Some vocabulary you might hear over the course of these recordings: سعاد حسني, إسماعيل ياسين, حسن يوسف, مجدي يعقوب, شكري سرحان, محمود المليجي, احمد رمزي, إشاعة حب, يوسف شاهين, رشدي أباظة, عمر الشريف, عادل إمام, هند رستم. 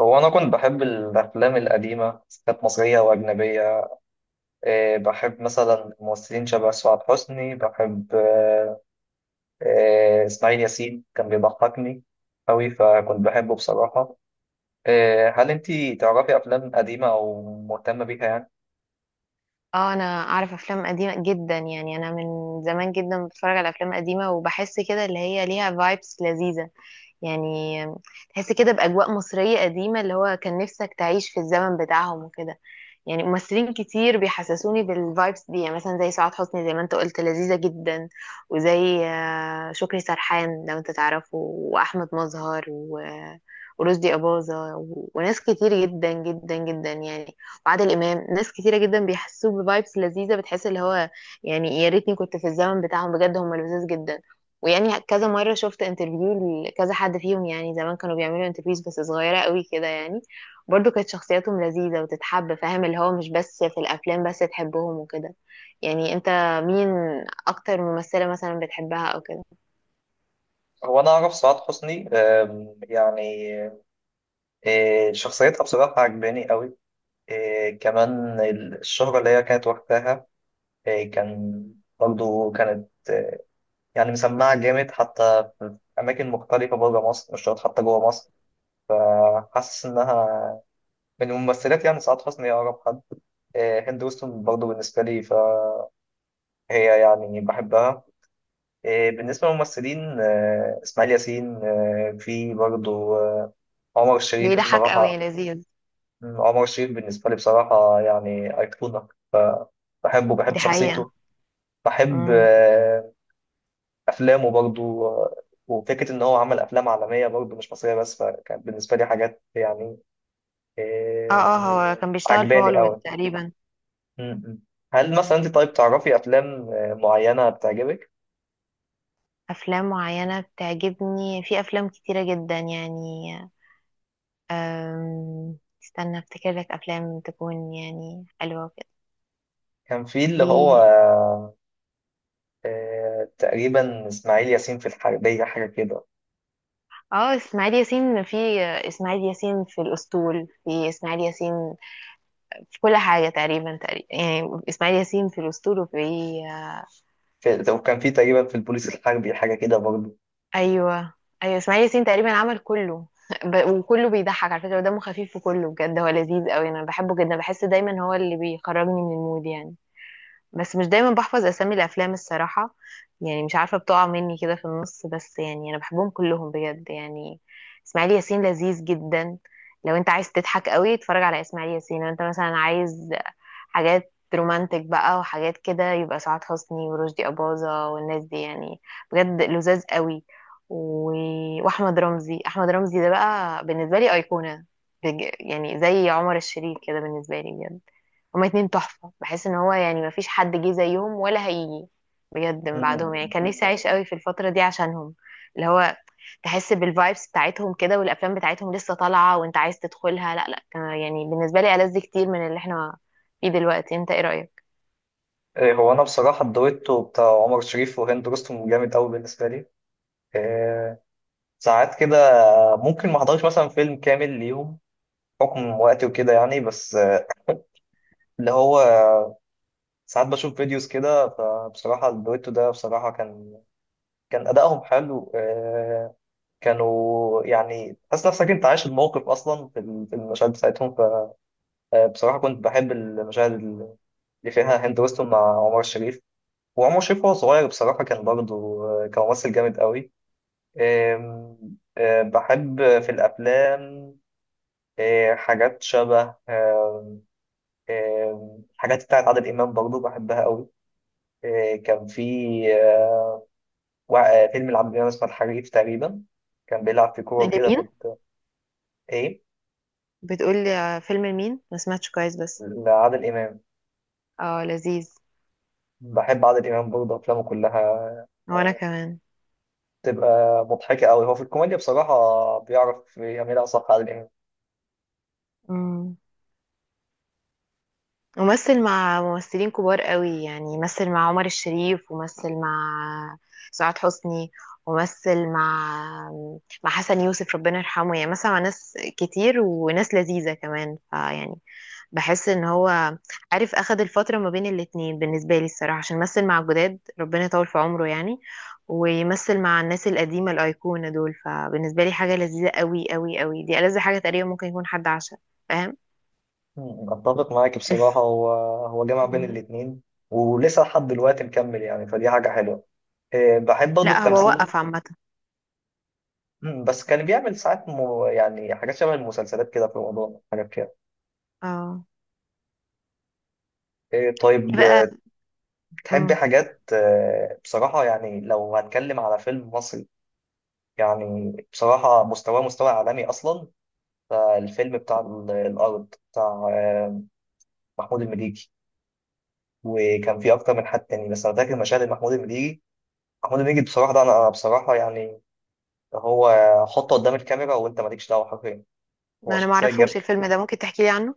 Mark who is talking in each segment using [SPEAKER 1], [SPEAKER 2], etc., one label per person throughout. [SPEAKER 1] هو أنا كنت بحب الأفلام القديمة. كانت مصرية وأجنبية. إيه، بحب مثلا ممثلين شبه سعاد حسني. بحب آه، آه، إسماعيل ياسين كان بيضحكني أوي فكنت بحبه بصراحة. إيه، هل أنتي تعرفي أفلام قديمة أو مهتمة بيها يعني؟
[SPEAKER 2] اه، انا اعرف افلام قديمه جدا، يعني انا من زمان جدا بتفرج على افلام قديمه وبحس كده اللي هي ليها فايبس لذيذه يعني. تحس كده باجواء مصريه قديمه، اللي هو كان نفسك تعيش في الزمن بتاعهم وكده. يعني ممثلين كتير بيحسسوني بالفايبس دي، يعني مثلا زي سعاد حسني، زي ما انت قلت لذيذة جدا، وزي شكري سرحان لو انت تعرفه، واحمد مظهر ورشدي أباظة وناس كتير جدا جدا جدا يعني، وعادل إمام. ناس كتيرة جدا بيحسوه بفايبس لذيذة، بتحس اللي هو يعني يا ريتني كنت في الزمن بتاعهم، بجد هم لذيذ جدا. ويعني كذا مرة شفت انترفيو لكذا حد فيهم، يعني زمان كانوا بيعملوا انترفيوز بس صغيرة قوي كده يعني. برضو كانت شخصياتهم لذيذة وتتحب، فاهم اللي هو مش بس في الأفلام، بس تحبهم وكده. يعني انت مين أكتر ممثلة مثلا بتحبها أو كده؟
[SPEAKER 1] هو أنا أعرف سعاد حسني. يعني إيه، شخصيتها بصراحة عجباني أوي. إيه، كمان الشهرة اللي هي كانت وقتها. إيه، برضه كانت يعني مسمعة جامد حتى في أماكن مختلفة بره مصر، مش شرط حتى جوه مصر. حاسس إنها من الممثلات. يعني سعاد حسني هي أقرب حد. هند وستون برضه بالنسبة لي فهي يعني بحبها. بالنسبة للممثلين، إسماعيل ياسين، في برضه عمر الشريف
[SPEAKER 2] بيضحك أوي يا
[SPEAKER 1] بصراحة.
[SPEAKER 2] لذيذ.
[SPEAKER 1] عمر الشريف بالنسبة لي بصراحة يعني أيقونة. بحبه، بحب
[SPEAKER 2] دي حقيقة.
[SPEAKER 1] شخصيته. بحب
[SPEAKER 2] مم.
[SPEAKER 1] افلامه برضو. وفكره ان هو عمل افلام عالميه برضو مش مصريه، بس فكانت بالنسبه لي حاجات يعني
[SPEAKER 2] اه،
[SPEAKER 1] آه،
[SPEAKER 2] اه. هو كان بيشتغل في
[SPEAKER 1] عجباني
[SPEAKER 2] هوليوود
[SPEAKER 1] قوي.
[SPEAKER 2] تقريبا.
[SPEAKER 1] م-م. هل مثلا انت، طيب، تعرفي افلام معينه بتعجبك؟
[SPEAKER 2] أفلام معينة بتعجبني، في أفلام كتيرة جدا يعني. أم... استنى افتكر لك أفلام تكون يعني حلوة وكده.
[SPEAKER 1] كان في اللي هو
[SPEAKER 2] في.
[SPEAKER 1] تقريبا اسماعيل ياسين في الحربيه حاجه كده.
[SPEAKER 2] اه، اسماعيل ياسين في، اسماعيل ياسين في الأسطول، في اسماعيل ياسين في كل حاجة تقريبا، تقريبا يعني إسماعيل ياسين في الأسطول في.
[SPEAKER 1] وكان في تقريبا في البوليس الحربي حاجه كده برضو.
[SPEAKER 2] أيوه، أيوه، إسماعيل ياسين تقريبا عمل كله وكله بيضحك على فكرة، ودمه خفيف في كله بجد، هو لذيذ قوي، أنا بحبه جدا، بحس دايما هو اللي بيخرجني من المود يعني. بس مش دايما بحفظ أسامي الأفلام الصراحة، يعني مش عارفة، بتقع مني كده في النص، بس يعني أنا بحبهم كلهم بجد يعني. إسماعيل ياسين لذيذ جدا، لو انت عايز تضحك قوي اتفرج على اسماعيل ياسين. لو انت مثلا عايز حاجات رومانتك بقى وحاجات كده، يبقى سعاد حسني ورشدي أباظة والناس دي يعني، بجد لذاذ قوي. و... واحمد رمزي، احمد رمزي ده بقى بالنسبه لي ايقونه، يعني زي عمر الشريف كده بالنسبه لي بجد. هما اتنين تحفه، بحس ان هو يعني مفيش حد جه زيهم ولا هيجي بجد من بعدهم يعني،
[SPEAKER 1] مم.
[SPEAKER 2] كان نفسي اعيش قوي في الفتره دي عشانهم. اللي هو تحس بالفايبس بتاعتهم كده، والافلام بتاعتهم لسه طالعه وانت عايز تدخلها، لا لا، كان يعني بالنسبه لي ألذ كتير من اللي احنا فيه دلوقتي، انت ايه رايك؟
[SPEAKER 1] هو انا بصراحه الدويتو بتاع عمر شريف وهند رستم جامد قوي بالنسبه لي. آه، ساعات كده ممكن ما احضرش مثلا فيلم كامل ليهم، حكم وقتي وكده يعني. بس اللي هو ساعات بشوف فيديوز كده. فبصراحة الدويتو ده بصراحة كان أدائهم حلو. كانوا يعني تحس نفسك أنت عايش الموقف أصلا في المشاهد بتاعتهم. فبصراحة كنت بحب المشاهد اللي فيها هند ويستون مع عمر الشريف. وعمر الشريف وهو صغير بصراحة كان برضه كممثل جامد قوي. آم، آه، بحب في الأفلام حاجات شبه. الحاجات بتاعت عادل إمام برضه بحبها قوي. إيه، كان في آه، وا- آه، فيلم لعادل إمام اسمه الحريف تقريبا. كان بيلعب في كورة
[SPEAKER 2] انت
[SPEAKER 1] كده
[SPEAKER 2] مين
[SPEAKER 1] كنت. إيه،
[SPEAKER 2] بتقولي فيلم لمين؟ ما سمعتش كويس بس.
[SPEAKER 1] لعادل إمام.
[SPEAKER 2] اه، لذيذ.
[SPEAKER 1] بحب عادل إمام برضه أفلامه كلها.
[SPEAKER 2] وانا كمان.
[SPEAKER 1] تبقى مضحكة أوي، هو في الكوميديا بصراحة بيعرف يعملها صح، عادل إمام.
[SPEAKER 2] امم، ومثل مع ممثلين كبار قوي، يعني مثل مع عمر الشريف، ومثل مع سعاد حسني، ومثل مع حسن يوسف ربنا يرحمه، يعني مثل مع ناس كتير وناس لذيذة كمان، فيعني بحس ان هو عارف اخد الفترة ما بين الاتنين بالنسبة لي الصراحة، عشان مثل مع الجداد ربنا يطول في عمره يعني، ويمثل مع الناس القديمة الأيقونة دول، فبالنسبة لي حاجة لذيذة قوي قوي قوي، دي ألذ حاجة تقريبا ممكن يكون حد عاشها، فاهم.
[SPEAKER 1] مم. أتفق معاك بصراحة. هو جمع بين
[SPEAKER 2] مم.
[SPEAKER 1] الاتنين. ولسه لحد دلوقتي مكمل يعني، فدي حاجة حلوة. إيه، بحب
[SPEAKER 2] لا
[SPEAKER 1] برضه
[SPEAKER 2] ده هو حقيقي
[SPEAKER 1] التمثيل.
[SPEAKER 2] وقف عامة.
[SPEAKER 1] بس كان بيعمل ساعات يعني حاجات شبه المسلسلات كده في رمضان، حاجات كده.
[SPEAKER 2] اه.
[SPEAKER 1] إيه،
[SPEAKER 2] في
[SPEAKER 1] طيب،
[SPEAKER 2] بقى.
[SPEAKER 1] بتحبي
[SPEAKER 2] مم.
[SPEAKER 1] حاجات بصراحة. يعني لو هنتكلم على فيلم مصري، يعني بصراحة مستواه مستوى عالمي أصلا. فالفيلم بتاع الأرض بتاع محمود المليجي. وكان فيه أكتر من حد تاني، بس أنا فاكر مشاهد محمود المليجي. محمود المليجي بصراحة ده، أنا بصراحة يعني، هو حطه قدام الكاميرا وأنت مالكش دعوة حرفيا. هو
[SPEAKER 2] انا
[SPEAKER 1] شخصية جاب.
[SPEAKER 2] معرفوش الفيلم ده، ممكن تحكي لي عنه؟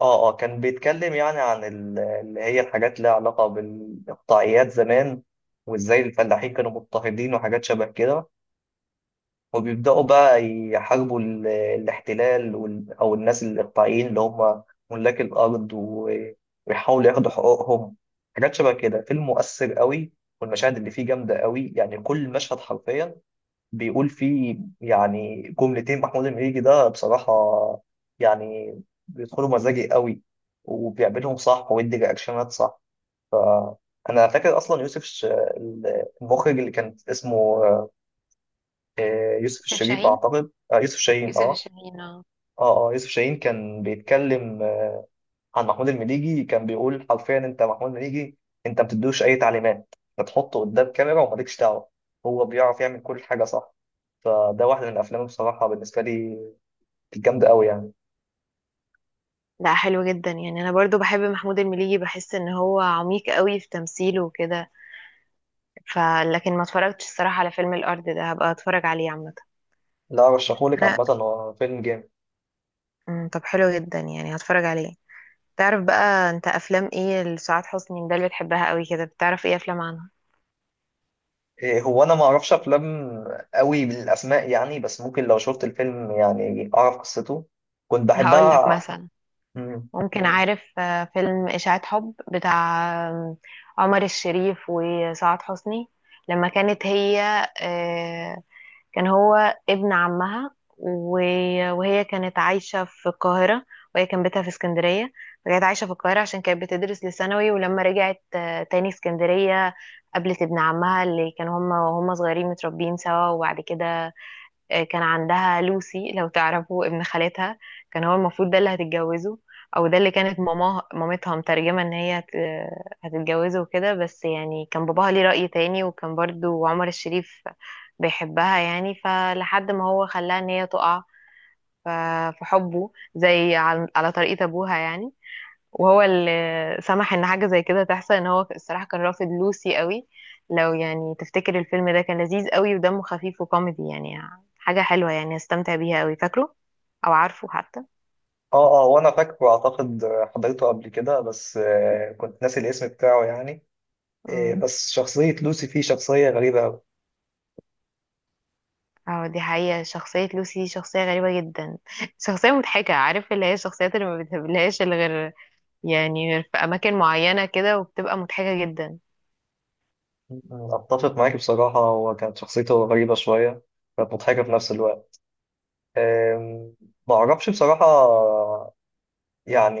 [SPEAKER 1] كان بيتكلم يعني عن اللي هي الحاجات لها علاقة بالإقطاعيات زمان. وإزاي الفلاحين كانوا مضطهدين وحاجات شبه كده. وبيبدأوا بقى يحاربوا الاحتلال أو الناس الإقطاعيين اللي هم ملاك الأرض ويحاولوا ياخدوا حقوقهم. حاجات شبه كده. فيلم مؤثر قوي، والمشاهد اللي فيه جامدة قوي يعني. كل مشهد حرفيا بيقول فيه يعني جملتين. محمود المليجي ده بصراحة يعني بيدخلوا مزاجي قوي، وبيعملهم صح ويدي رياكشنات صح. أنا فاكر أصلا المخرج اللي كان اسمه يوسف
[SPEAKER 2] يوسف
[SPEAKER 1] الشريف
[SPEAKER 2] شاهين،
[SPEAKER 1] أعتقد، يوسف شاهين،
[SPEAKER 2] يوسف
[SPEAKER 1] أه.
[SPEAKER 2] الشاهين اه.
[SPEAKER 1] اه، اه. يوسف شاهين كان بيتكلم عن محمود المليجي، كان بيقول حرفيا: انت محمود المليجي، انت ما بتدوش اي تعليمات، بتحطه قدام كاميرا ومالكش دعوه، هو بيعرف يعمل كل حاجه صح. فده واحد من الافلام بصراحه بالنسبه لي الجامده قوي يعني.
[SPEAKER 2] لا، حلو جدا، يعني انا برضو بحب محمود المليجي، بحس ان هو عميق قوي في تمثيله وكده. ف لكن ما اتفرجتش الصراحة على فيلم الأرض ده، هبقى اتفرج عليه عامة.
[SPEAKER 1] لا، ارشحهولك
[SPEAKER 2] ها،
[SPEAKER 1] عامه، هو فيلم جامد.
[SPEAKER 2] مم، طب حلو جدا يعني هتفرج عليه. تعرف بقى انت افلام ايه لسعاد حسني ده اللي بتحبها قوي كده؟ بتعرف ايه افلام عنها؟
[SPEAKER 1] إيه، هو انا ما اعرفش افلام قوي بالاسماء يعني. بس ممكن لو شفت الفيلم يعني اعرف قصته. كنت
[SPEAKER 2] هقول لك
[SPEAKER 1] بحبها.
[SPEAKER 2] مثلا.
[SPEAKER 1] مم.
[SPEAKER 2] ممكن عارف فيلم إشاعة حب بتاع آم، عمر الشريف وسعاد حسني؟ لما كانت هي آه، كان هو ابن عمها، وهي كانت عايشة في القاهرة، وهي كان بيتها في اسكندرية. فكانت عايشة في القاهرة عشان كانت بتدرس لثانوي، ولما رجعت تاني اسكندرية قابلت ابن عمها اللي كانوا هما صغيرين متربيين سوا. وبعد كده كان عندها لوسي لو تعرفوا ابن خالتها، كان هو المفروض ده اللي هتتجوزه، او ده اللي كانت ماما مامتها مترجمة ان هي هتتجوزه وكده. بس يعني كان باباها ليه رأي تاني، وكان برضو عمر الشريف بيحبها يعني، فلحد ما هو خلاها ان هي تقع ف- في حبه زي على طريقة ابوها يعني. وهو اللي سمح ان حاجه زي كده تحصل، ان هو الصراحه كان رافض لوسي قوي. لو يعني تفتكر الفيلم ده كان لذيذ قوي ودمه خفيف وكوميدي يعني، حاجه حلوه يعني استمتع بيها قوي، فاكره او عارفه حتى؟
[SPEAKER 1] اه، اه. وانا فاكره اعتقد حضرته قبل كده، بس كنت ناسي الاسم بتاعه يعني. إيه،
[SPEAKER 2] مم.
[SPEAKER 1] بس شخصية لوسي فيه شخصية غريبة أوي.
[SPEAKER 2] اه، دي حقيقة، شخصية لوسي دي شخصية غريبة جدا شخصية مضحكة، عارف اللي هي الشخصيات اللي ما بتقابلهاش إلا غير يعني، غير في أماكن معينة كده، وبتبقى مضحكة جدا.
[SPEAKER 1] أنا أتفق معاك بصراحة. هو كانت شخصيته غريبة شوية، كانت مضحكة في نفس الوقت. أم، ما أعرفش بصراحة، يعني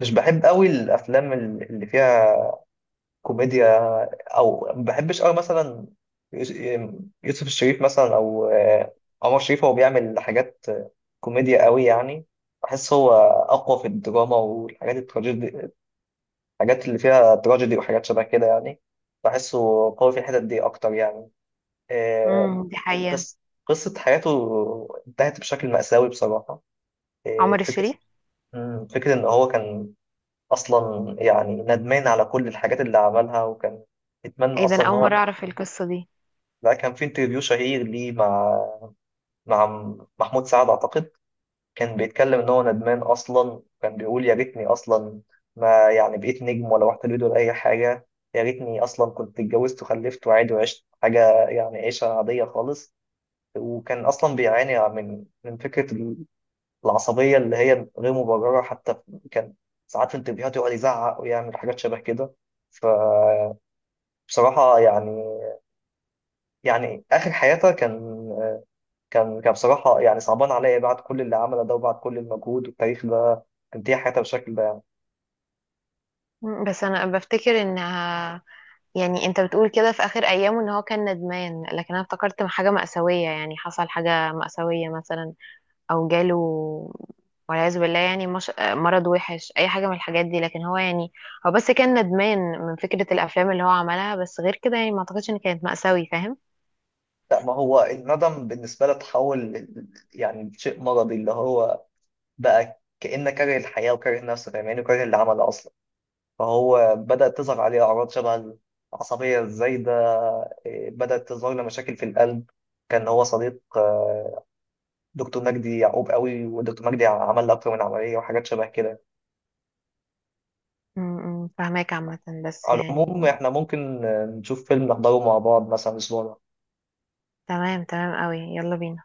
[SPEAKER 1] مش بحب أوي الأفلام اللي فيها كوميديا. أو ما بحبش أوي مثلا يوس- يوسف الشريف مثلا، أو عمر شريف هو بيعمل حاجات كوميديا أوي يعني. بحس هو أقوى في الدراما والحاجات التراجيدي، الحاجات اللي فيها تراجيدي وحاجات شبه كده يعني. بحسه قوي في الحتت دي أكتر يعني. آه،
[SPEAKER 2] امم، دي حقيقة.
[SPEAKER 1] قص قصة حياته انتهت بشكل مأساوي بصراحة. آه،
[SPEAKER 2] عمر
[SPEAKER 1] فكرة
[SPEAKER 2] الشريف.
[SPEAKER 1] فكرة إن هو كان أصلا يعني ندمان على كل الحاجات اللي عملها، وكان يتمنى
[SPEAKER 2] ايه ده، أنا
[SPEAKER 1] أصلا إن
[SPEAKER 2] أول
[SPEAKER 1] هو.
[SPEAKER 2] مرة أعرف القصة دي.
[SPEAKER 1] لا، كان في انترفيو شهير ليه مع محمود سعد أعتقد. كان بيتكلم ان هو ندمان اصلا. كان بيقول: يا ريتني اصلا ما، يعني، بقيت نجم ولا رحت البيض ولا اي حاجه. يا ريتني اصلا كنت اتجوزت وخلفت وعادي، وعشت حاجه يعني عيشه عاديه خالص. وكان اصلا بيعاني من فكره العصبيه اللي هي غير مبرره حتى. كان ساعات في انترفيوهات يقعد يزعق ويعمل حاجات شبه كده. فبصراحه يعني يعني اخر حياته كان بصراحة يعني صعبان عليا، بعد كل اللي عمله ده وبعد كل المجهود والتاريخ ده تنتهي حياتها بالشكل ده يعني.
[SPEAKER 2] مم، بس أنا بفتكر إنها يعني، انت بتقول كده في اخر ايامه ان هو كان ندمان، لكن انا افتكرت حاجه مأساويه يعني، حصل حاجه مأساويه مثلا او جاله والعياذ بالله يعني، مش... مرض وحش اي حاجه من الحاجات دي. لكن هو يعني، هو بس كان ندمان من فكره الافلام اللي هو عملها بس، غير كده يعني ما اعتقدش ان كانت مأساوي، فاهم.
[SPEAKER 1] لا، ما هو الندم بالنسبة لي تحول يعني شيء مرضي. اللي هو بقى كأنه كاره الحياة وكاره نفسه فاهماني، وكاره اللي عمله أصلا. فهو بدأت تظهر عليه أعراض شبه العصبية الزايدة. إيه، بدأت تظهر له مشاكل في القلب. كان هو صديق دكتور مجدي يعقوب قوي، ودكتور مجدي عمل له أكتر من عملية وحاجات شبه كده.
[SPEAKER 2] م- م، فاهماك عامه، بس
[SPEAKER 1] على
[SPEAKER 2] يعني.
[SPEAKER 1] العموم إحنا ممكن نشوف فيلم نحضره مع بعض مثلا أسبوع.
[SPEAKER 2] تمام، تمام قوي، يلا بينا.